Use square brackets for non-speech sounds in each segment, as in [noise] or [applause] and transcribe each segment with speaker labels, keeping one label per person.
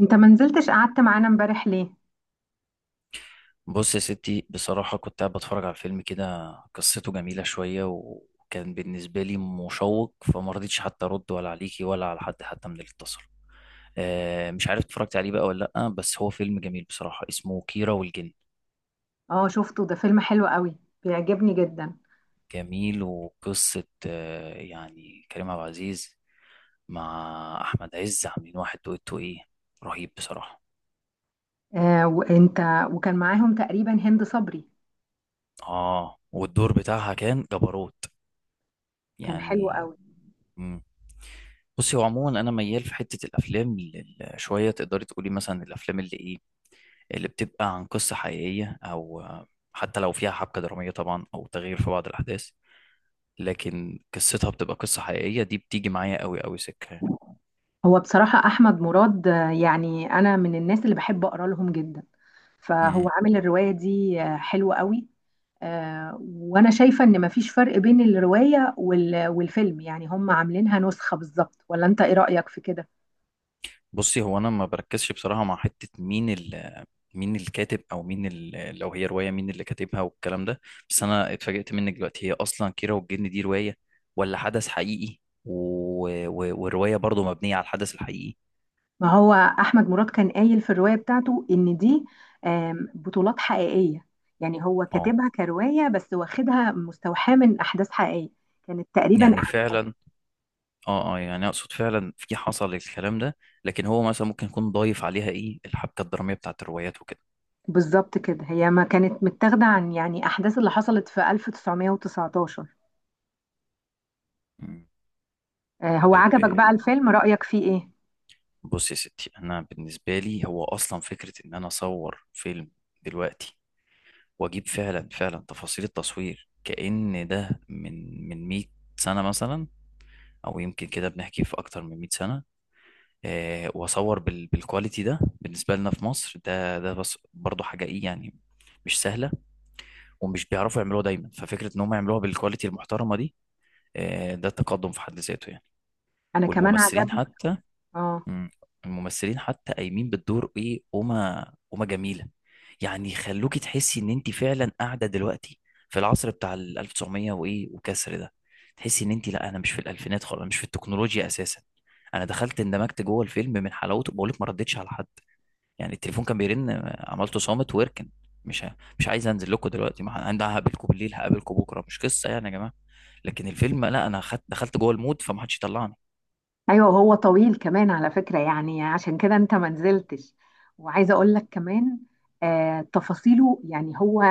Speaker 1: انت ما نزلتش، قعدت معانا امبارح ليه؟
Speaker 2: بص يا ستي، بصراحة كنت قاعد بتفرج على فيلم كده قصته جميلة شوية، وكان بالنسبة لي مشوق، فما رضيتش حتى أرد ولا عليكي ولا على حد حتى من اللي اتصل. مش عارف اتفرجت عليه بقى ولا لأ، بس هو فيلم جميل بصراحة، اسمه كيرة والجن.
Speaker 1: اه، شفته. ده فيلم حلو قوي. بيعجبني جدا.
Speaker 2: جميل، وقصة يعني كريم عبد العزيز مع أحمد عز عاملين واحد دويتو إيه رهيب بصراحة.
Speaker 1: آه، وانت؟ وكان معاهم تقريبا هند صبري.
Speaker 2: والدور بتاعها كان جبروت
Speaker 1: كان حلو
Speaker 2: يعني.
Speaker 1: قوي.
Speaker 2: مم. بصي، هو عموما انا ميال في حته الافلام شويه، تقدري تقولي مثلا الافلام اللي ايه اللي بتبقى عن قصه حقيقيه او حتى لو فيها حبكه دراميه طبعا او تغيير في بعض الاحداث، لكن قصتها بتبقى قصه حقيقيه، دي بتيجي معايا قوي قوي سكه.
Speaker 1: هو بصراحة احمد مراد، يعني انا من الناس اللي بحب اقرا لهم جدا. فهو عامل الرواية دي حلوة قوي. آه، وانا شايفة ان مفيش فرق بين الرواية والفيلم، يعني هم عاملينها نسخة بالظبط، ولا انت ايه رأيك في كده؟
Speaker 2: بصي، هو انا ما بركزش بصراحه مع حته مين ال، لو هي روايه مين اللي كاتبها والكلام ده. بس انا اتفاجئت منك دلوقتي، هي اصلا كيرة والجن دي روايه ولا حدث حقيقي؟ و... والروايه برضو مبنيه على الحدث الحقيقي.
Speaker 1: ما هو احمد مراد كان قايل في الروايه بتاعته ان دي بطولات حقيقيه. يعني هو
Speaker 2: اه
Speaker 1: كاتبها كروايه بس واخدها مستوحاه من احداث حقيقيه. كانت تقريبا
Speaker 2: يعني
Speaker 1: أح-
Speaker 2: فعلا، اه يعني اقصد فعلا في حصل الكلام ده، لكن هو مثلا ممكن يكون ضايف عليها ايه الحبكه الدراميه بتاعت الروايات وكده.
Speaker 1: بالظبط كده. هي ما كانت متاخده عن يعني احداث اللي حصلت في 1919.
Speaker 2: مم.
Speaker 1: آه، هو
Speaker 2: طيب
Speaker 1: عجبك بقى الفيلم، رايك فيه ايه؟
Speaker 2: بصي يا ستي، انا بالنسبه لي هو اصلا فكره ان انا اصور فيلم دلوقتي، واجيب فعلا فعلا تفاصيل التصوير كأن ده من 100 سنة مثلا، او يمكن كده بنحكي في اكتر من 100 سنة. آه، واصور بالكواليتي ده، بالنسبة لنا في مصر ده بس برضه حاجة ايه يعني، مش سهلة، ومش بيعرفوا يعملوها دايما، ففكرة ان هم يعملوها بالكواليتي المحترمة دي، آه ده تقدم في حد ذاته يعني.
Speaker 1: انا كمان
Speaker 2: والممثلين
Speaker 1: عجبني.
Speaker 2: حتى.
Speaker 1: اه.
Speaker 2: مم. الممثلين حتى قايمين بالدور ايه، قومه، قومه جميله، يعني يخلوكي تحسي ان انت فعلا قاعده دلوقتي في العصر بتاع ال 1900 وايه وكسر ده، تحسي ان انت، لا انا مش في الالفينات خالص، انا مش في التكنولوجيا اساسا. انا دخلت اندمجت جوه الفيلم من حلاوته، بقول لك ما ردتش على حد، يعني التليفون كان بيرن عملته صامت ويركن، مش عايز انزل لكم دلوقتي، ما ه- انا هقابلكم بالليل هقابلكم بكره، مش قصه يعني يا جماعه. لكن الفيلم لا، انا خدت دخلت جوه المود فما حدش يطلعني.
Speaker 1: ايوه، هو طويل كمان على فكرة، يعني عشان كده انت ما نزلتش. وعايزة اقول لك كمان. آه، تفاصيله يعني هو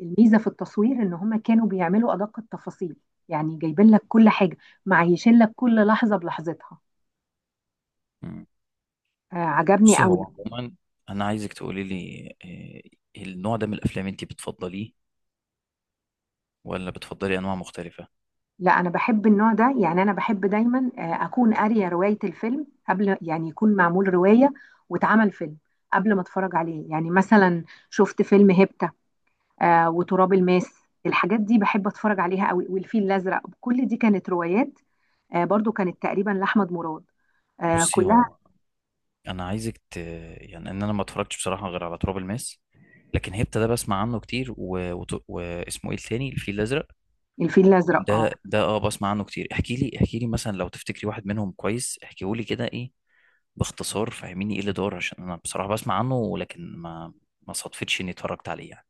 Speaker 1: الميزة في التصوير ان هما كانوا بيعملوا ادق التفاصيل. يعني جايبين لك كل حاجة، معيشين لك كل لحظة بلحظتها. آه، عجبني
Speaker 2: بصي، هو
Speaker 1: قوي.
Speaker 2: عموما انا عايزك تقولي لي، النوع ده من الافلام انت بتفضليه ولا بتفضلي انواع مختلفه؟
Speaker 1: لا، انا بحب النوع ده، يعني انا بحب دايما اكون قارية رواية الفيلم قبل، يعني يكون معمول رواية واتعمل فيلم قبل ما اتفرج عليه. يعني مثلا شفت فيلم هيبتا، آه، وتراب الماس. الحاجات دي بحب اتفرج عليها قوي. والفيل الازرق كل دي كانت روايات. آه، برضو كانت تقريبا لاحمد مراد. آه،
Speaker 2: بصي،
Speaker 1: كلها.
Speaker 2: هو انا يعني ان انا ما اتفرجتش بصراحه غير على تراب الماس، لكن هيبتا ده بسمع عنه كتير، واسمه ايه التاني، الفيل الازرق.
Speaker 1: الفيل الازرق، اه.
Speaker 2: ده ده اه بسمع عنه كتير، احكي لي، مثلا لو تفتكري واحد منهم كويس، احكيه لي كده ايه، باختصار فهميني ايه اللي دار، عشان انا بصراحه بسمع عنه ولكن ما صدفتش اني اتفرجت عليه يعني.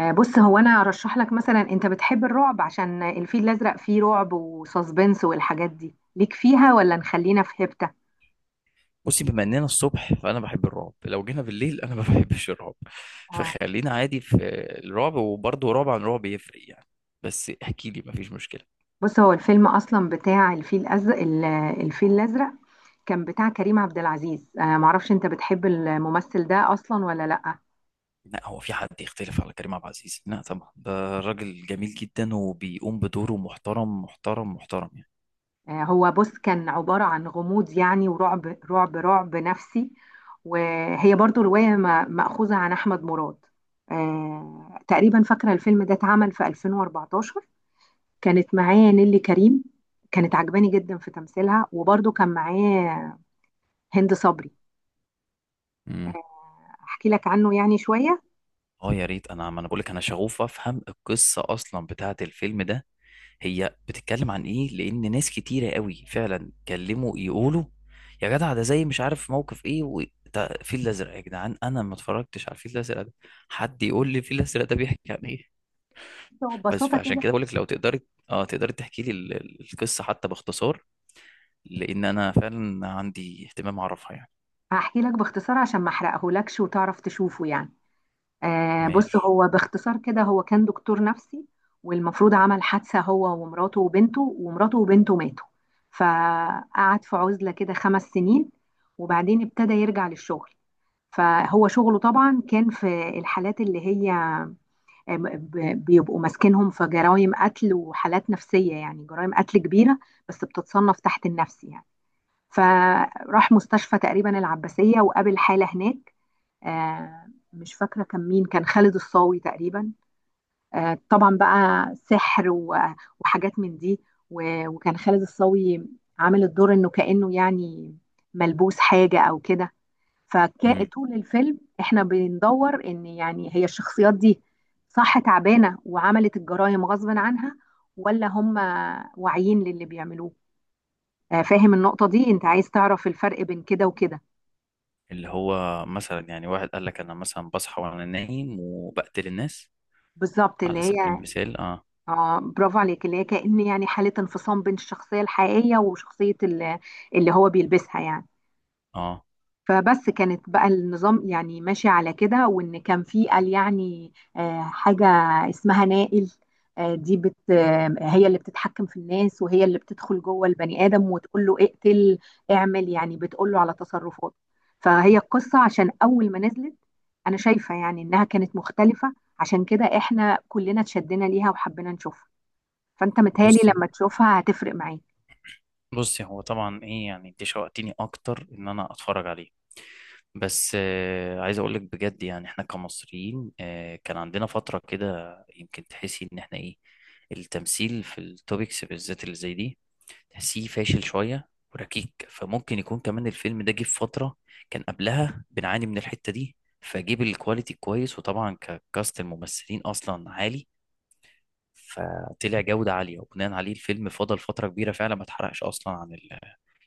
Speaker 1: آه، بص، هو انا ارشح لك مثلا، انت بتحب الرعب؟ عشان الفيل الازرق فيه رعب وساسبنس والحاجات دي، ليك فيها ولا نخلينا في هبته؟
Speaker 2: بصي، بما اننا الصبح فانا بحب الرعب، لو جينا بالليل انا ما [laughs] بحبش الرعب،
Speaker 1: اه،
Speaker 2: فخلينا عادي في الرعب، وبرضه رعب عن رعب يفرق يعني، بس احكي لي ما فيش مشكله.
Speaker 1: بص، هو الفيلم اصلا بتاع الفيل الازرق الفيل الازرق، كان بتاع كريم عبد العزيز. معرفش انت بتحب الممثل ده اصلا ولا لا؟
Speaker 2: لا، هو في حد يختلف على كريم عبد العزيز؟ لا طبعا، ده راجل جميل جدا وبيقوم بدوره محترم محترم محترم يعني.
Speaker 1: آه، هو بص، كان عبارة عن غموض يعني، ورعب. رعب، رعب نفسي. وهي برضو رواية مأخوذة عن أحمد مراد. آه، تقريبا فاكرة الفيلم ده اتعمل في 2014. كانت معايا نيلي كريم، كانت عجباني جدا في تمثيلها. وبرضو كان معايا هند صبري.
Speaker 2: مم.
Speaker 1: أحكي لك عنه يعني شوية.
Speaker 2: اه يا ريت، انا ما انا بقول لك انا شغوف افهم القصه اصلا بتاعه الفيلم ده، هي بتتكلم عن ايه، لان ناس كتيره قوي فعلا كلموا يقولوا يا جدع ده زي مش عارف موقف ايه ده الفيل الازرق يا جدعان، انا ما اتفرجتش على الفيل الازرق ده، حد يقول لي الفيل الازرق ده بيحكي عن ايه؟ بس
Speaker 1: ببساطة
Speaker 2: فعشان
Speaker 1: كده.
Speaker 2: كده بقول لك لو تقدري اه تقدري تحكي لي القصه حتى باختصار، لان انا فعلا عندي اهتمام اعرفها يعني.
Speaker 1: هحكي لك باختصار عشان ما أحرقهولكش وتعرف تشوفه يعني. آه، بص،
Speaker 2: ماشي.
Speaker 1: هو باختصار كده، هو كان دكتور نفسي. والمفروض عمل حادثة هو ومراته وبنته، ومراته وبنته ماتوا. فقعد في عزلة كده 5 سنين. وبعدين ابتدى يرجع للشغل. فهو شغله طبعا كان في الحالات اللي هي آه، بيبقوا ماسكينهم في جرائم قتل وحالات نفسية، يعني جرائم قتل كبيرة بس بتتصنف تحت النفسي يعني. فراح مستشفى تقريبا العباسية وقابل حالة هناك. آه، مش فاكرة كان مين، كان خالد الصاوي تقريبا. آه، طبعا بقى سحر وحاجات من دي. وكان خالد الصاوي عامل الدور انه كأنه يعني ملبوس حاجة او كده.
Speaker 2: امم.
Speaker 1: فطول الفيلم احنا بندور ان يعني هي الشخصيات دي صح تعبانة وعملت الجرائم غصبا عنها، ولا هم واعيين للي بيعملوه؟ آه، فاهم النقطة دي؟ انت عايز تعرف الفرق بين كده وكده.
Speaker 2: اللي هو مثلا يعني واحد قال لك انا مثلا بصحى وانا نايم وبقتل الناس
Speaker 1: بالظبط، اللي
Speaker 2: على سبيل
Speaker 1: هي
Speaker 2: المثال، اه.
Speaker 1: اه، برافو عليك، اللي هي كأن يعني حالة انفصام بين الشخصية الحقيقية وشخصية اللي هو بيلبسها يعني.
Speaker 2: اه.
Speaker 1: فبس كانت بقى النظام يعني ماشي على كده، وان كان في قال يعني حاجة اسمها نائل. آه، دي بت آه، هي اللي بتتحكم في الناس، وهي اللي بتدخل جوه البني آدم وتقول له اقتل، اعمل، يعني بتقول له على تصرفاته. فهي القصة، عشان أول ما نزلت أنا شايفة يعني إنها كانت مختلفة. عشان كده إحنا كلنا اتشدنا ليها وحبينا نشوفها. فانت متهيألي
Speaker 2: بصي
Speaker 1: لما تشوفها هتفرق معاك.
Speaker 2: بصي هو طبعا ايه يعني، انت شوقتيني اكتر ان انا اتفرج عليه. بس آه، عايز اقول لك بجد يعني، احنا كمصريين آه، كان عندنا فتره كده، يمكن تحسي ان احنا ايه، التمثيل في التوبكس بالذات اللي زي دي تحسيه فاشل شويه وركيك، فممكن يكون كمان الفيلم ده جه في فتره كان قبلها بنعاني من الحته دي، فجيب الكواليتي كويس، وطبعا ككاست الممثلين اصلا عالي فطلع جودة عالية، وبناء عليه الفيلم فضل فترة كبيرة فعلا ما اتحرقش أصلا عن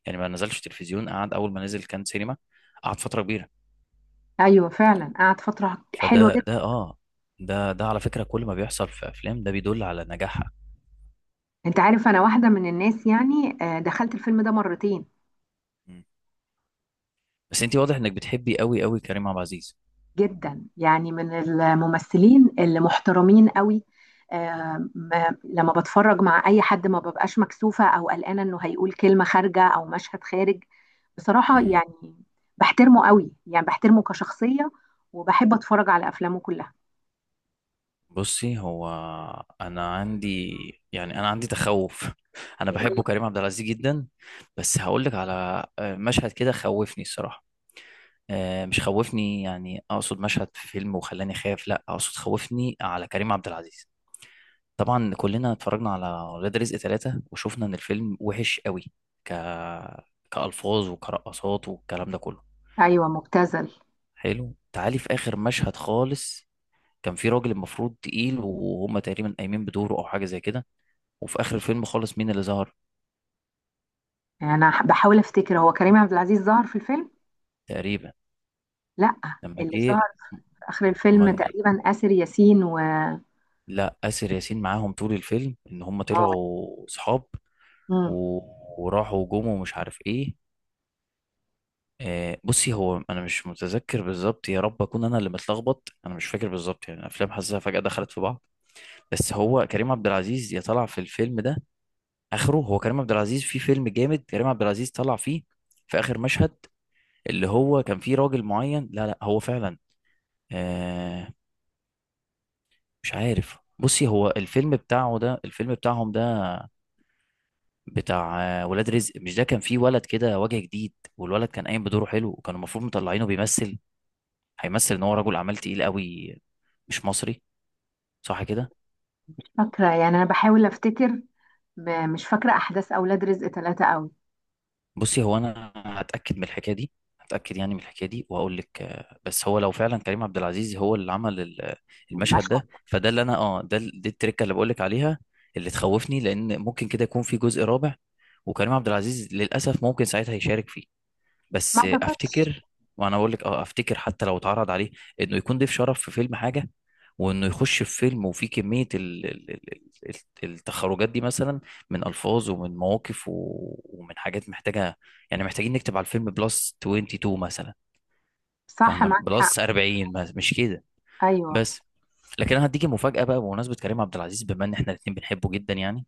Speaker 2: يعني ما نزلش تلفزيون، قعد أول ما نزل كان سينما، قعد فترة كبيرة.
Speaker 1: ايوه فعلا، قعد فتره حلوه
Speaker 2: فده
Speaker 1: جدا.
Speaker 2: ده اه ده على فكرة كل ما بيحصل في أفلام ده بيدل على نجاحها.
Speaker 1: انت عارف انا واحده من الناس، يعني دخلت الفيلم ده مرتين.
Speaker 2: مم. بس أنت واضح إنك بتحبي قوي قوي كريم عبد العزيز.
Speaker 1: جدا، يعني من الممثلين اللي محترمين قوي. آه، لما بتفرج مع اي حد ما ببقاش مكسوفه او قلقانه انه هيقول كلمه خارجه او مشهد خارج، بصراحه
Speaker 2: مم.
Speaker 1: يعني. بحترمه قوي، يعني بحترمه كشخصيه. وبحب اتفرج على افلامه كلها.
Speaker 2: بصي، هو أنا عندي، يعني أنا عندي تخوف [laughs] أنا بحبه كريم عبد العزيز جدا، بس هقول لك على مشهد كده خوفني الصراحة، مش خوفني يعني، اقصد مشهد في فيلم وخلاني خايف، لا اقصد خوفني على كريم عبد العزيز. طبعا كلنا اتفرجنا على ولاد رزق ثلاثة وشفنا ان الفيلم وحش قوي، ك كألفاظ وكرقصات والكلام ده كله.
Speaker 1: ايوه، مبتذل.
Speaker 2: حلو، تعالي في اخر مشهد خالص، كان في راجل المفروض تقيل وهم تقريبا قايمين بدوره او حاجة زي كده، وفي اخر الفيلم خالص مين اللي ظهر؟
Speaker 1: يعني انا بحاول افتكر، هو كريم عبد العزيز ظهر في الفيلم؟
Speaker 2: تقريبا.
Speaker 1: لا،
Speaker 2: لما
Speaker 1: اللي
Speaker 2: جه،
Speaker 1: ظهر في اخر الفيلم
Speaker 2: امال مين؟
Speaker 1: تقريبا آسر ياسين، و اه.
Speaker 2: لا، آسر ياسين معاهم طول الفيلم، ان هم طلعوا صحاب
Speaker 1: مم.
Speaker 2: و... وراحوا جم ومش عارف ايه. آه بصي، هو انا مش متذكر بالظبط، يا رب اكون انا اللي متلخبط، انا مش فاكر بالظبط يعني، الافلام حاسسها فجأة دخلت في بعض، بس هو كريم عبد العزيز يا طلع في الفيلم ده اخره، هو كريم عبد العزيز في فيلم جامد، كريم عبد العزيز طلع فيه في اخر مشهد، اللي هو كان فيه راجل معين، لا لا هو فعلا، آه مش عارف. بصي، هو الفيلم بتاعه ده الفيلم بتاعهم ده، بتاع ولاد رزق، مش ده كان فيه ولد كده وجه جديد، والولد كان قايم بدوره حلو، وكانوا المفروض مطلعينه بيمثل، هيمثل ان هو رجل اعمال تقيل قوي، مش مصري، صح كده؟
Speaker 1: مش فاكره، يعني انا بحاول افتكر. مش فاكره احداث اولاد رزق ثلاثة قوي.
Speaker 2: بصي، هو انا هتاكد من الحكايه دي، هتاكد يعني من الحكايه دي، وهقول لك بس هو لو فعلا كريم عبد العزيز هو اللي عمل المشهد
Speaker 1: المشهد
Speaker 2: ده،
Speaker 1: ده.
Speaker 2: فده اللي انا اه، دي التركه اللي بقول لك عليها، اللي تخوفني، لان ممكن كده يكون في جزء رابع، وكريم عبد العزيز للاسف ممكن ساعتها يشارك فيه،
Speaker 1: ما
Speaker 2: بس
Speaker 1: اعتقدش.
Speaker 2: افتكر. وانا اقول لك اه، افتكر حتى لو اتعرض عليه انه يكون ضيف شرف في فيلم حاجه، وانه يخش في فيلم وفيه كميه التخرجات دي مثلا، من الفاظ ومن مواقف ومن حاجات محتاجه يعني، محتاجين نكتب على الفيلم بلس 22 مثلا،
Speaker 1: صح،
Speaker 2: فاهمه
Speaker 1: معاك حق.
Speaker 2: بلس 40 مثلاً، مش كده؟
Speaker 1: ايوه.
Speaker 2: بس. لكن انا هديكي مفاجاه بقى، بمناسبه كريم عبد العزيز، بما ان احنا الاثنين بنحبه جدا يعني،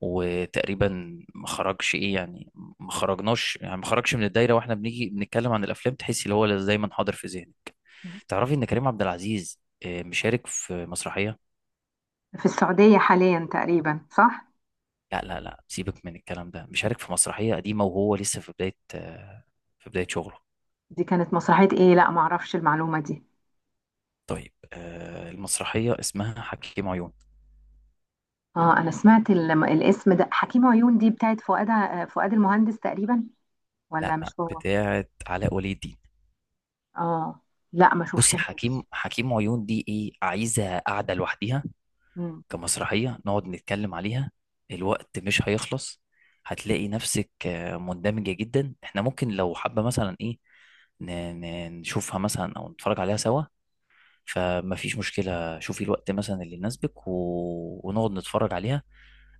Speaker 2: وتقريبا ما خرجش ايه يعني، ما خرجناش يعني ما خرجش من الدايره، واحنا بنيجي بنتكلم عن الافلام تحس اللي هو اللي دايما حاضر في ذهنك، تعرفي ان كريم عبد العزيز مشارك في مسرحيه؟
Speaker 1: في السعوديه حاليا تقريبا، صح؟
Speaker 2: لا لا لا سيبك من الكلام ده، مشارك في مسرحيه قديمه وهو لسه في بدايه في بدايه شغله.
Speaker 1: دي كانت مسرحيه ايه؟ لا، ما اعرفش المعلومه دي.
Speaker 2: طيب المسرحيه اسمها حكيم عيون.
Speaker 1: اه، انا سمعت الاسم ده حكيم عيون، دي بتاعت فؤاد فؤاد المهندس تقريبا، ولا
Speaker 2: لا،
Speaker 1: مش هو؟
Speaker 2: بتاعه علاء ولي الدين.
Speaker 1: اه. لا، ما
Speaker 2: بصي،
Speaker 1: شفتهاش.
Speaker 2: حكيم عيون دي ايه، عايزه قاعده لوحدها كمسرحية نقعد نتكلم عليها، الوقت مش هيخلص، هتلاقي نفسك مندمجة جدا، احنا ممكن لو حابة مثلا ايه ن- نشوفها مثلا او نتفرج عليها سوا، فما فيش مشكلة، شوفي الوقت مثلا اللي يناسبك ونقعد نتفرج عليها.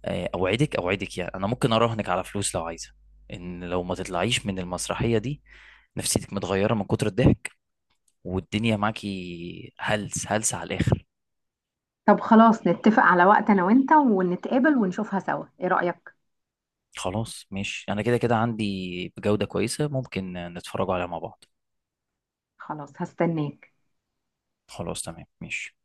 Speaker 2: اوعدك، اوعدك يعني، انا ممكن اراهنك على فلوس لو عايزة ان لو ما تطلعيش من المسرحية دي نفسيتك متغيرة من كتر الضحك، والدنيا معاكي هلس هلس على الاخر.
Speaker 1: طب خلاص، نتفق على وقت انا وانت ونتقابل ونشوفها سوا، ايه رأيك؟
Speaker 2: خلاص ماشي، انا كده كده عندي بجودة كويسة، ممكن نتفرجوا عليها مع بعض.
Speaker 1: خلاص، هستناك.
Speaker 2: خلاص تمام ماشي.